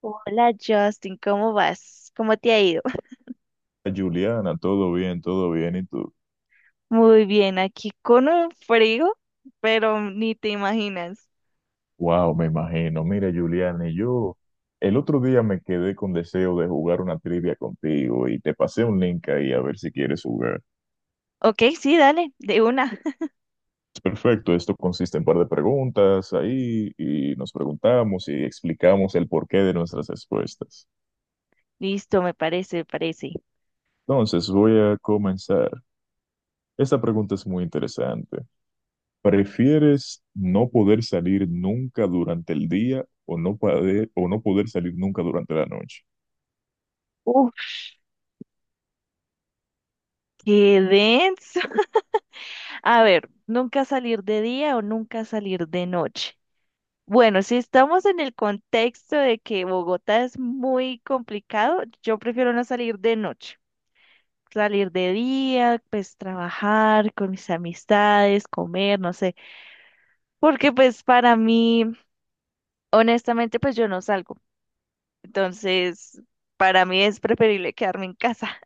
Hola Justin, ¿cómo vas? ¿Cómo te ha ido? Juliana, todo bien, todo bien. Y tú, Muy bien, aquí con un frío, pero ni te imaginas. wow, me imagino. Mira, Juliana, y yo el otro día me quedé con deseo de jugar una trivia contigo y te pasé un link ahí a ver si quieres jugar. Ok, sí, dale, de una. Perfecto, esto consiste en un par de preguntas ahí y nos preguntamos y explicamos el porqué de nuestras respuestas. Listo, me parece, me parece. Entonces, voy a comenzar. Esta pregunta es muy interesante. ¿Prefieres no poder salir nunca durante el día o no poder salir nunca durante la noche? Uf, qué denso. A ver, nunca salir de día o nunca salir de noche. Bueno, si estamos en el contexto de que Bogotá es muy complicado, yo prefiero no salir de noche. Salir de día, pues trabajar con mis amistades, comer, no sé. Porque pues para mí, honestamente, pues yo no salgo. Entonces, para mí es preferible quedarme en casa.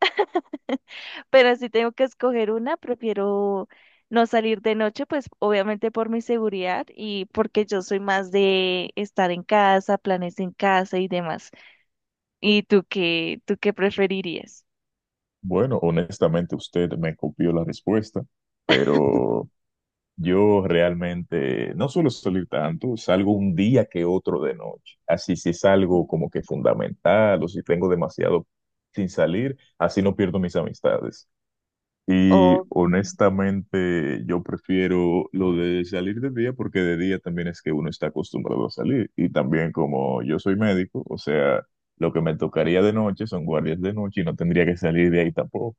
Pero si tengo que escoger una, prefiero no salir de noche, pues obviamente por mi seguridad y porque yo soy más de estar en casa, planes en casa y demás. ¿Y tú qué preferirías? Bueno, honestamente usted me copió la respuesta, pero yo realmente no suelo salir tanto, salgo un día que otro de noche. Así si es algo como que fundamental o si tengo demasiado sin salir, así no pierdo mis amistades. Y Oh, honestamente yo prefiero lo de salir de día porque de día también es que uno está acostumbrado a salir. Y también como yo soy médico, o sea, lo que me tocaría de noche son guardias de noche y no tendría que salir de ahí tampoco.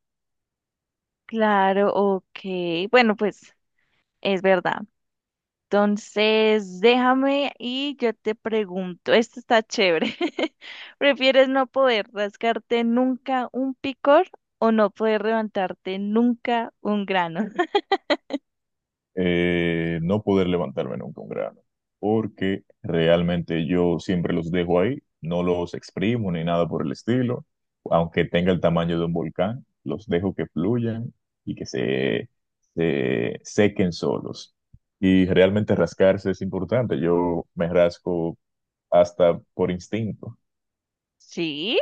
claro, ok. Bueno, pues es verdad. Entonces, déjame y yo te pregunto, esto está chévere. ¿Prefieres no poder rascarte nunca un picor o no poder levantarte nunca un grano? No poder levantarme nunca un grano, porque realmente yo siempre los dejo ahí, no los exprimo ni nada por el estilo, aunque tenga el tamaño de un volcán, los dejo que fluyan y que se sequen solos. Y realmente rascarse es importante, yo me rasco hasta por instinto. Sí,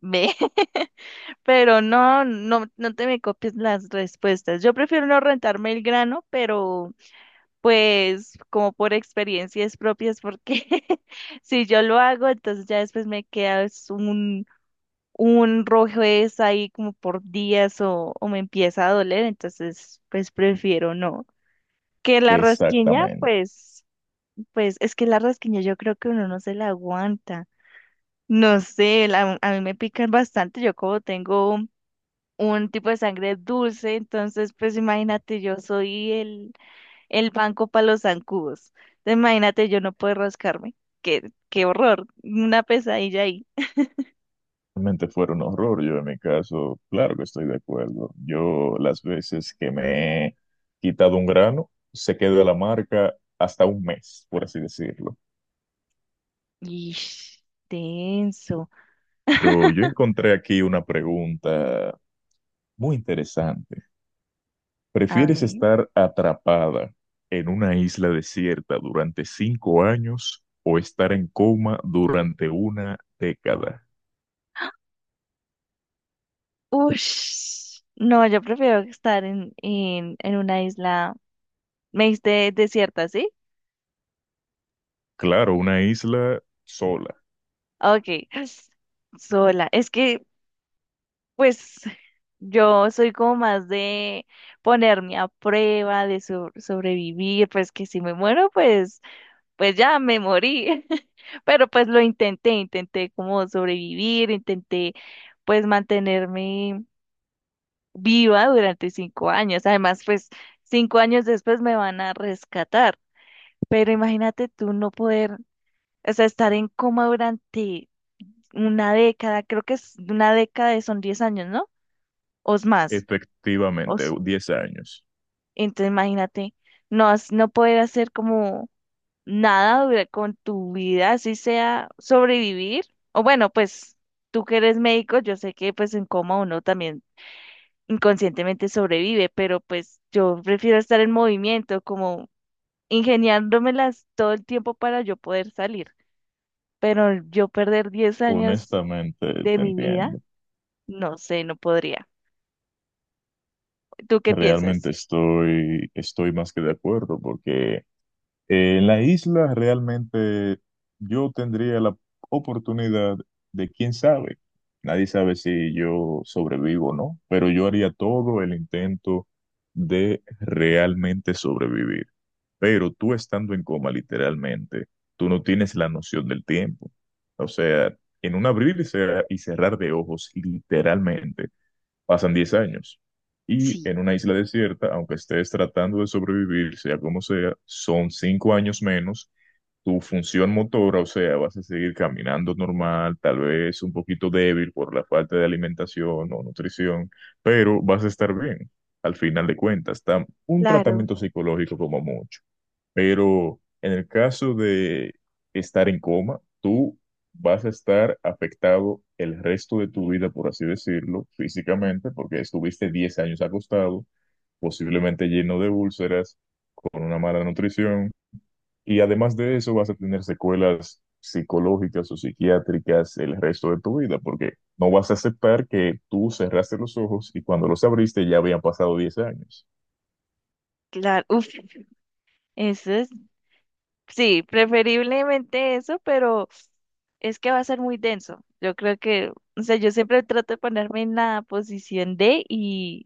ve, pero no, no, no te me copies las respuestas. Yo prefiero no rentarme el grano, pero pues como por experiencias propias, porque si yo lo hago, entonces ya después me queda es un rojez ahí como por días o me empieza a doler, entonces pues prefiero no. Que la rasquiña, Exactamente. pues es que la rasquiña yo creo que uno no se la aguanta. No sé, a mí me pican bastante, yo como tengo un tipo de sangre dulce, entonces pues imagínate, yo soy el banco para los zancudos. Entonces, imagínate, yo no puedo rascarme. Qué horror, una pesadilla ahí. Realmente fuera un horror. Yo en mi caso, claro que estoy de acuerdo. Yo las veces que me he quitado un grano, se quedó la marca hasta un mes, por así decirlo. Ish, tenso. Pero yo encontré aquí una pregunta muy interesante. A ¿Prefieres ver. estar atrapada en una isla desierta durante 5 años o estar en coma durante una década? Ush, no, yo prefiero estar en una isla, me diste desierta, ¿sí? Claro, una isla sola, Ok, sola. Es que, pues, yo soy como más de ponerme a prueba, de sobrevivir, pues que si me muero, pues ya me morí. Pero pues intenté como sobrevivir, intenté pues mantenerme viva durante 5 años. Además, pues 5 años después me van a rescatar. Pero imagínate tú no poder, o sea, estar en coma durante una década, creo que es una década, son 10 años, ¿no? O es más. O efectivamente, s- 10 años. entonces imagínate, no, no poder hacer como nada con tu vida, así sea sobrevivir. O bueno, pues tú que eres médico, yo sé que pues en coma uno también inconscientemente sobrevive, pero pues yo prefiero estar en movimiento, como ingeniándomelas todo el tiempo para yo poder salir. Pero yo perder 10 años Honestamente, de te mi vida, entiendo. no sé, no podría. ¿Tú qué Realmente piensas? estoy más que de acuerdo porque en la isla realmente yo tendría la oportunidad de, quién sabe, nadie sabe si yo sobrevivo o no, pero yo haría todo el intento de realmente sobrevivir. Pero tú estando en coma literalmente, tú no tienes la noción del tiempo. O sea, en un abrir y cerrar de ojos literalmente. Pasan 10 años y Sí, en una isla desierta, aunque estés tratando de sobrevivir, sea como sea, son 5 años menos. Tu función motora, o sea, vas a seguir caminando normal, tal vez un poquito débil por la falta de alimentación o nutrición, pero vas a estar bien. Al final de cuentas, está un claro, tratamiento psicológico como mucho. Pero en el caso de estar en coma, tú vas a estar afectado el resto de tu vida, por así decirlo, físicamente, porque estuviste 10 años acostado, posiblemente lleno de úlceras, con una mala nutrición, y además de eso vas a tener secuelas psicológicas o psiquiátricas el resto de tu vida, porque no vas a aceptar que tú cerraste los ojos y cuando los abriste ya habían pasado 10 años. claro. Uf, eso es, sí, preferiblemente eso, pero es que va a ser muy denso. Yo creo que, o sea, yo siempre trato de ponerme en la posición de y,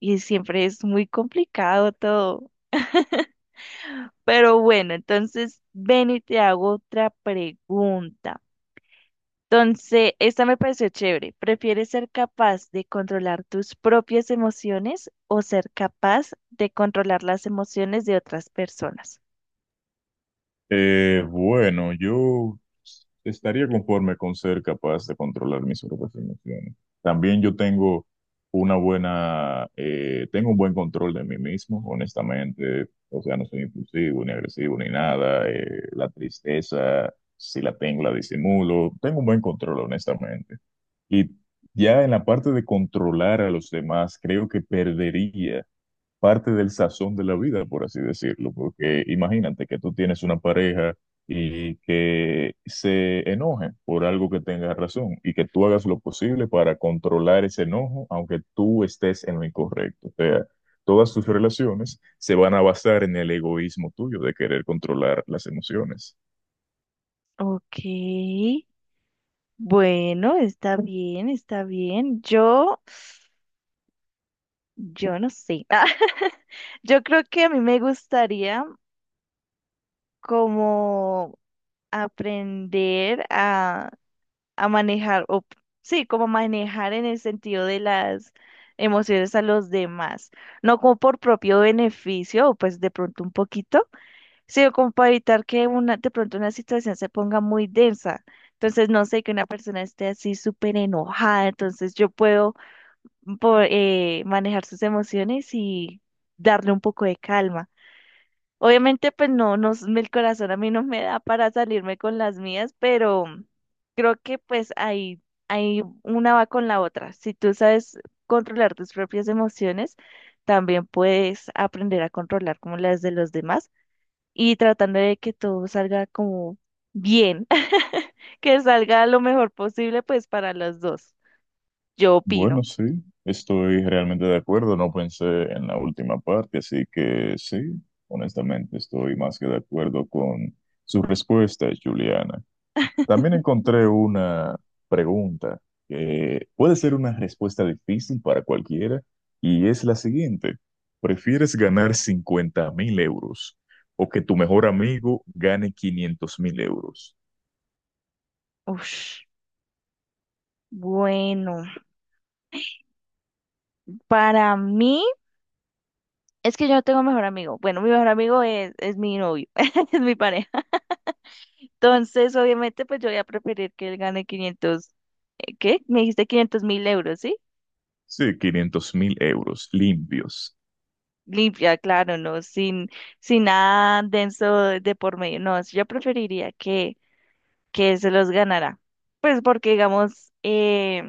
y siempre es muy complicado todo. Pero bueno, entonces ven y te hago otra pregunta. Entonces, esta me pareció chévere. ¿Prefieres ser capaz de controlar tus propias emociones o ser capaz de controlar las emociones de otras personas? Bueno, yo estaría conforme con ser capaz de controlar mis propias emociones. También yo tengo un buen control de mí mismo, honestamente. O sea, no soy impulsivo, ni agresivo, ni nada. La tristeza, si la tengo, la disimulo. Tengo un buen control, honestamente. Y ya en la parte de controlar a los demás, creo que perdería parte del sazón de la vida, por así decirlo, porque imagínate que tú tienes una pareja y que se enoje por algo que tenga razón y que tú hagas lo posible para controlar ese enojo, aunque tú estés en lo incorrecto. O sea, todas tus relaciones se van a basar en el egoísmo tuyo de querer controlar las emociones. Ok, bueno, está bien, está bien. Yo no sé. Yo creo que a mí me gustaría como aprender a manejar, sí, como manejar en el sentido de las emociones a los demás, no como por propio beneficio, o pues de pronto un poquito, sino como para evitar que una, de pronto una situación se ponga muy densa. Entonces, no sé, que una persona esté así súper enojada, entonces yo puedo manejar sus emociones y darle un poco de calma. Obviamente, pues no, no, el corazón a mí no me da para salirme con las mías, pero creo que pues ahí una va con la otra. Si tú sabes controlar tus propias emociones, también puedes aprender a controlar como las de los demás y tratando de que todo salga como bien, que salga lo mejor posible pues para los dos. Yo Bueno, opino. sí, estoy realmente de acuerdo. No pensé en la última parte, así que sí, honestamente estoy más que de acuerdo con su respuesta, Juliana. También encontré una pregunta que puede ser una respuesta difícil para cualquiera y es la siguiente. ¿Prefieres ganar 50.000 € o que tu mejor amigo gane 500 mil euros? Ush, bueno, para mí. Es que yo no tengo mejor amigo. Bueno, mi mejor amigo es mi novio, es mi pareja. Entonces, obviamente, pues yo voy a preferir que él gane 500, ¿qué? Me dijiste 500 mil euros, ¿sí? Sí, 500.000 € limpios. Limpia, claro, ¿no? Sin nada denso de por medio. No, yo preferiría que se los ganara. Pues porque, digamos,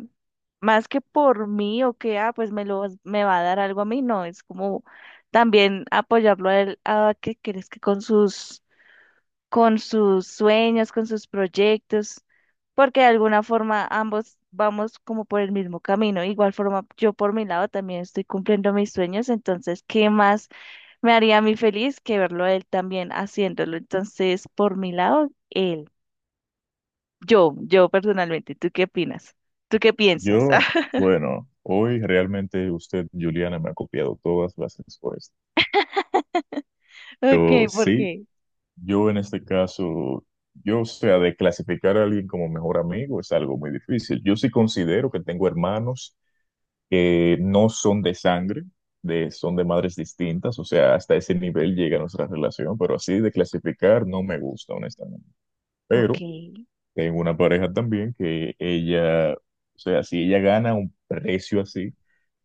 más que por mí o que, ah, pues me va a dar algo a mí, no, es como también apoyarlo a él, a que crees que con sus sueños, con sus proyectos, porque de alguna forma ambos vamos como por el mismo camino. Igual forma, yo por mi lado también estoy cumpliendo mis sueños, entonces, ¿qué más me haría a mí feliz que verlo a él también haciéndolo? Entonces, por mi lado, yo personalmente, ¿tú qué opinas? ¿Tú qué piensas? Yo, bueno, hoy realmente usted, Juliana, me ha copiado todas las respuestas. Yo Ok, ¿por sí, qué? yo en este caso, yo, o sea, de clasificar a alguien como mejor amigo es algo muy difícil. Yo sí considero que tengo hermanos que no son de sangre, son de madres distintas, o sea, hasta ese nivel llega nuestra relación, pero así de clasificar no me gusta, honestamente. Ok, Pero tengo una pareja también que ella, o sea, si ella gana un precio así,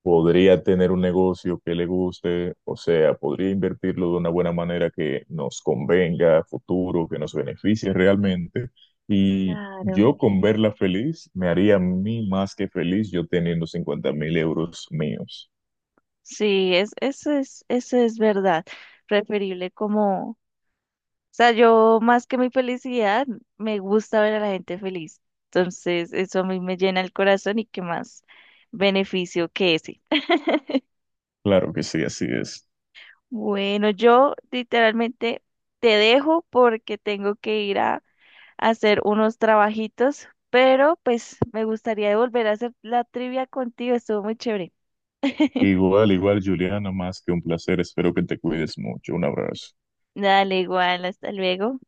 podría tener un negocio que le guste, o sea, podría invertirlo de una buena manera que nos convenga a futuro, que nos beneficie realmente. Y claro. yo con verla feliz, me haría a mí más que feliz yo teniendo 50.000 € míos. Sí, eso es verdad. Preferible como sea, yo más que mi felicidad, me gusta ver a la gente feliz. Entonces, eso a mí me llena el corazón y qué más beneficio que ese. Claro que sí, así es. Bueno, yo literalmente te dejo porque tengo que ir a hacer unos trabajitos, pero pues me gustaría volver a hacer la trivia contigo, estuvo muy chévere. Igual, igual, Juliana, más que un placer. Espero que te cuides mucho. Un abrazo. Dale, igual, hasta luego.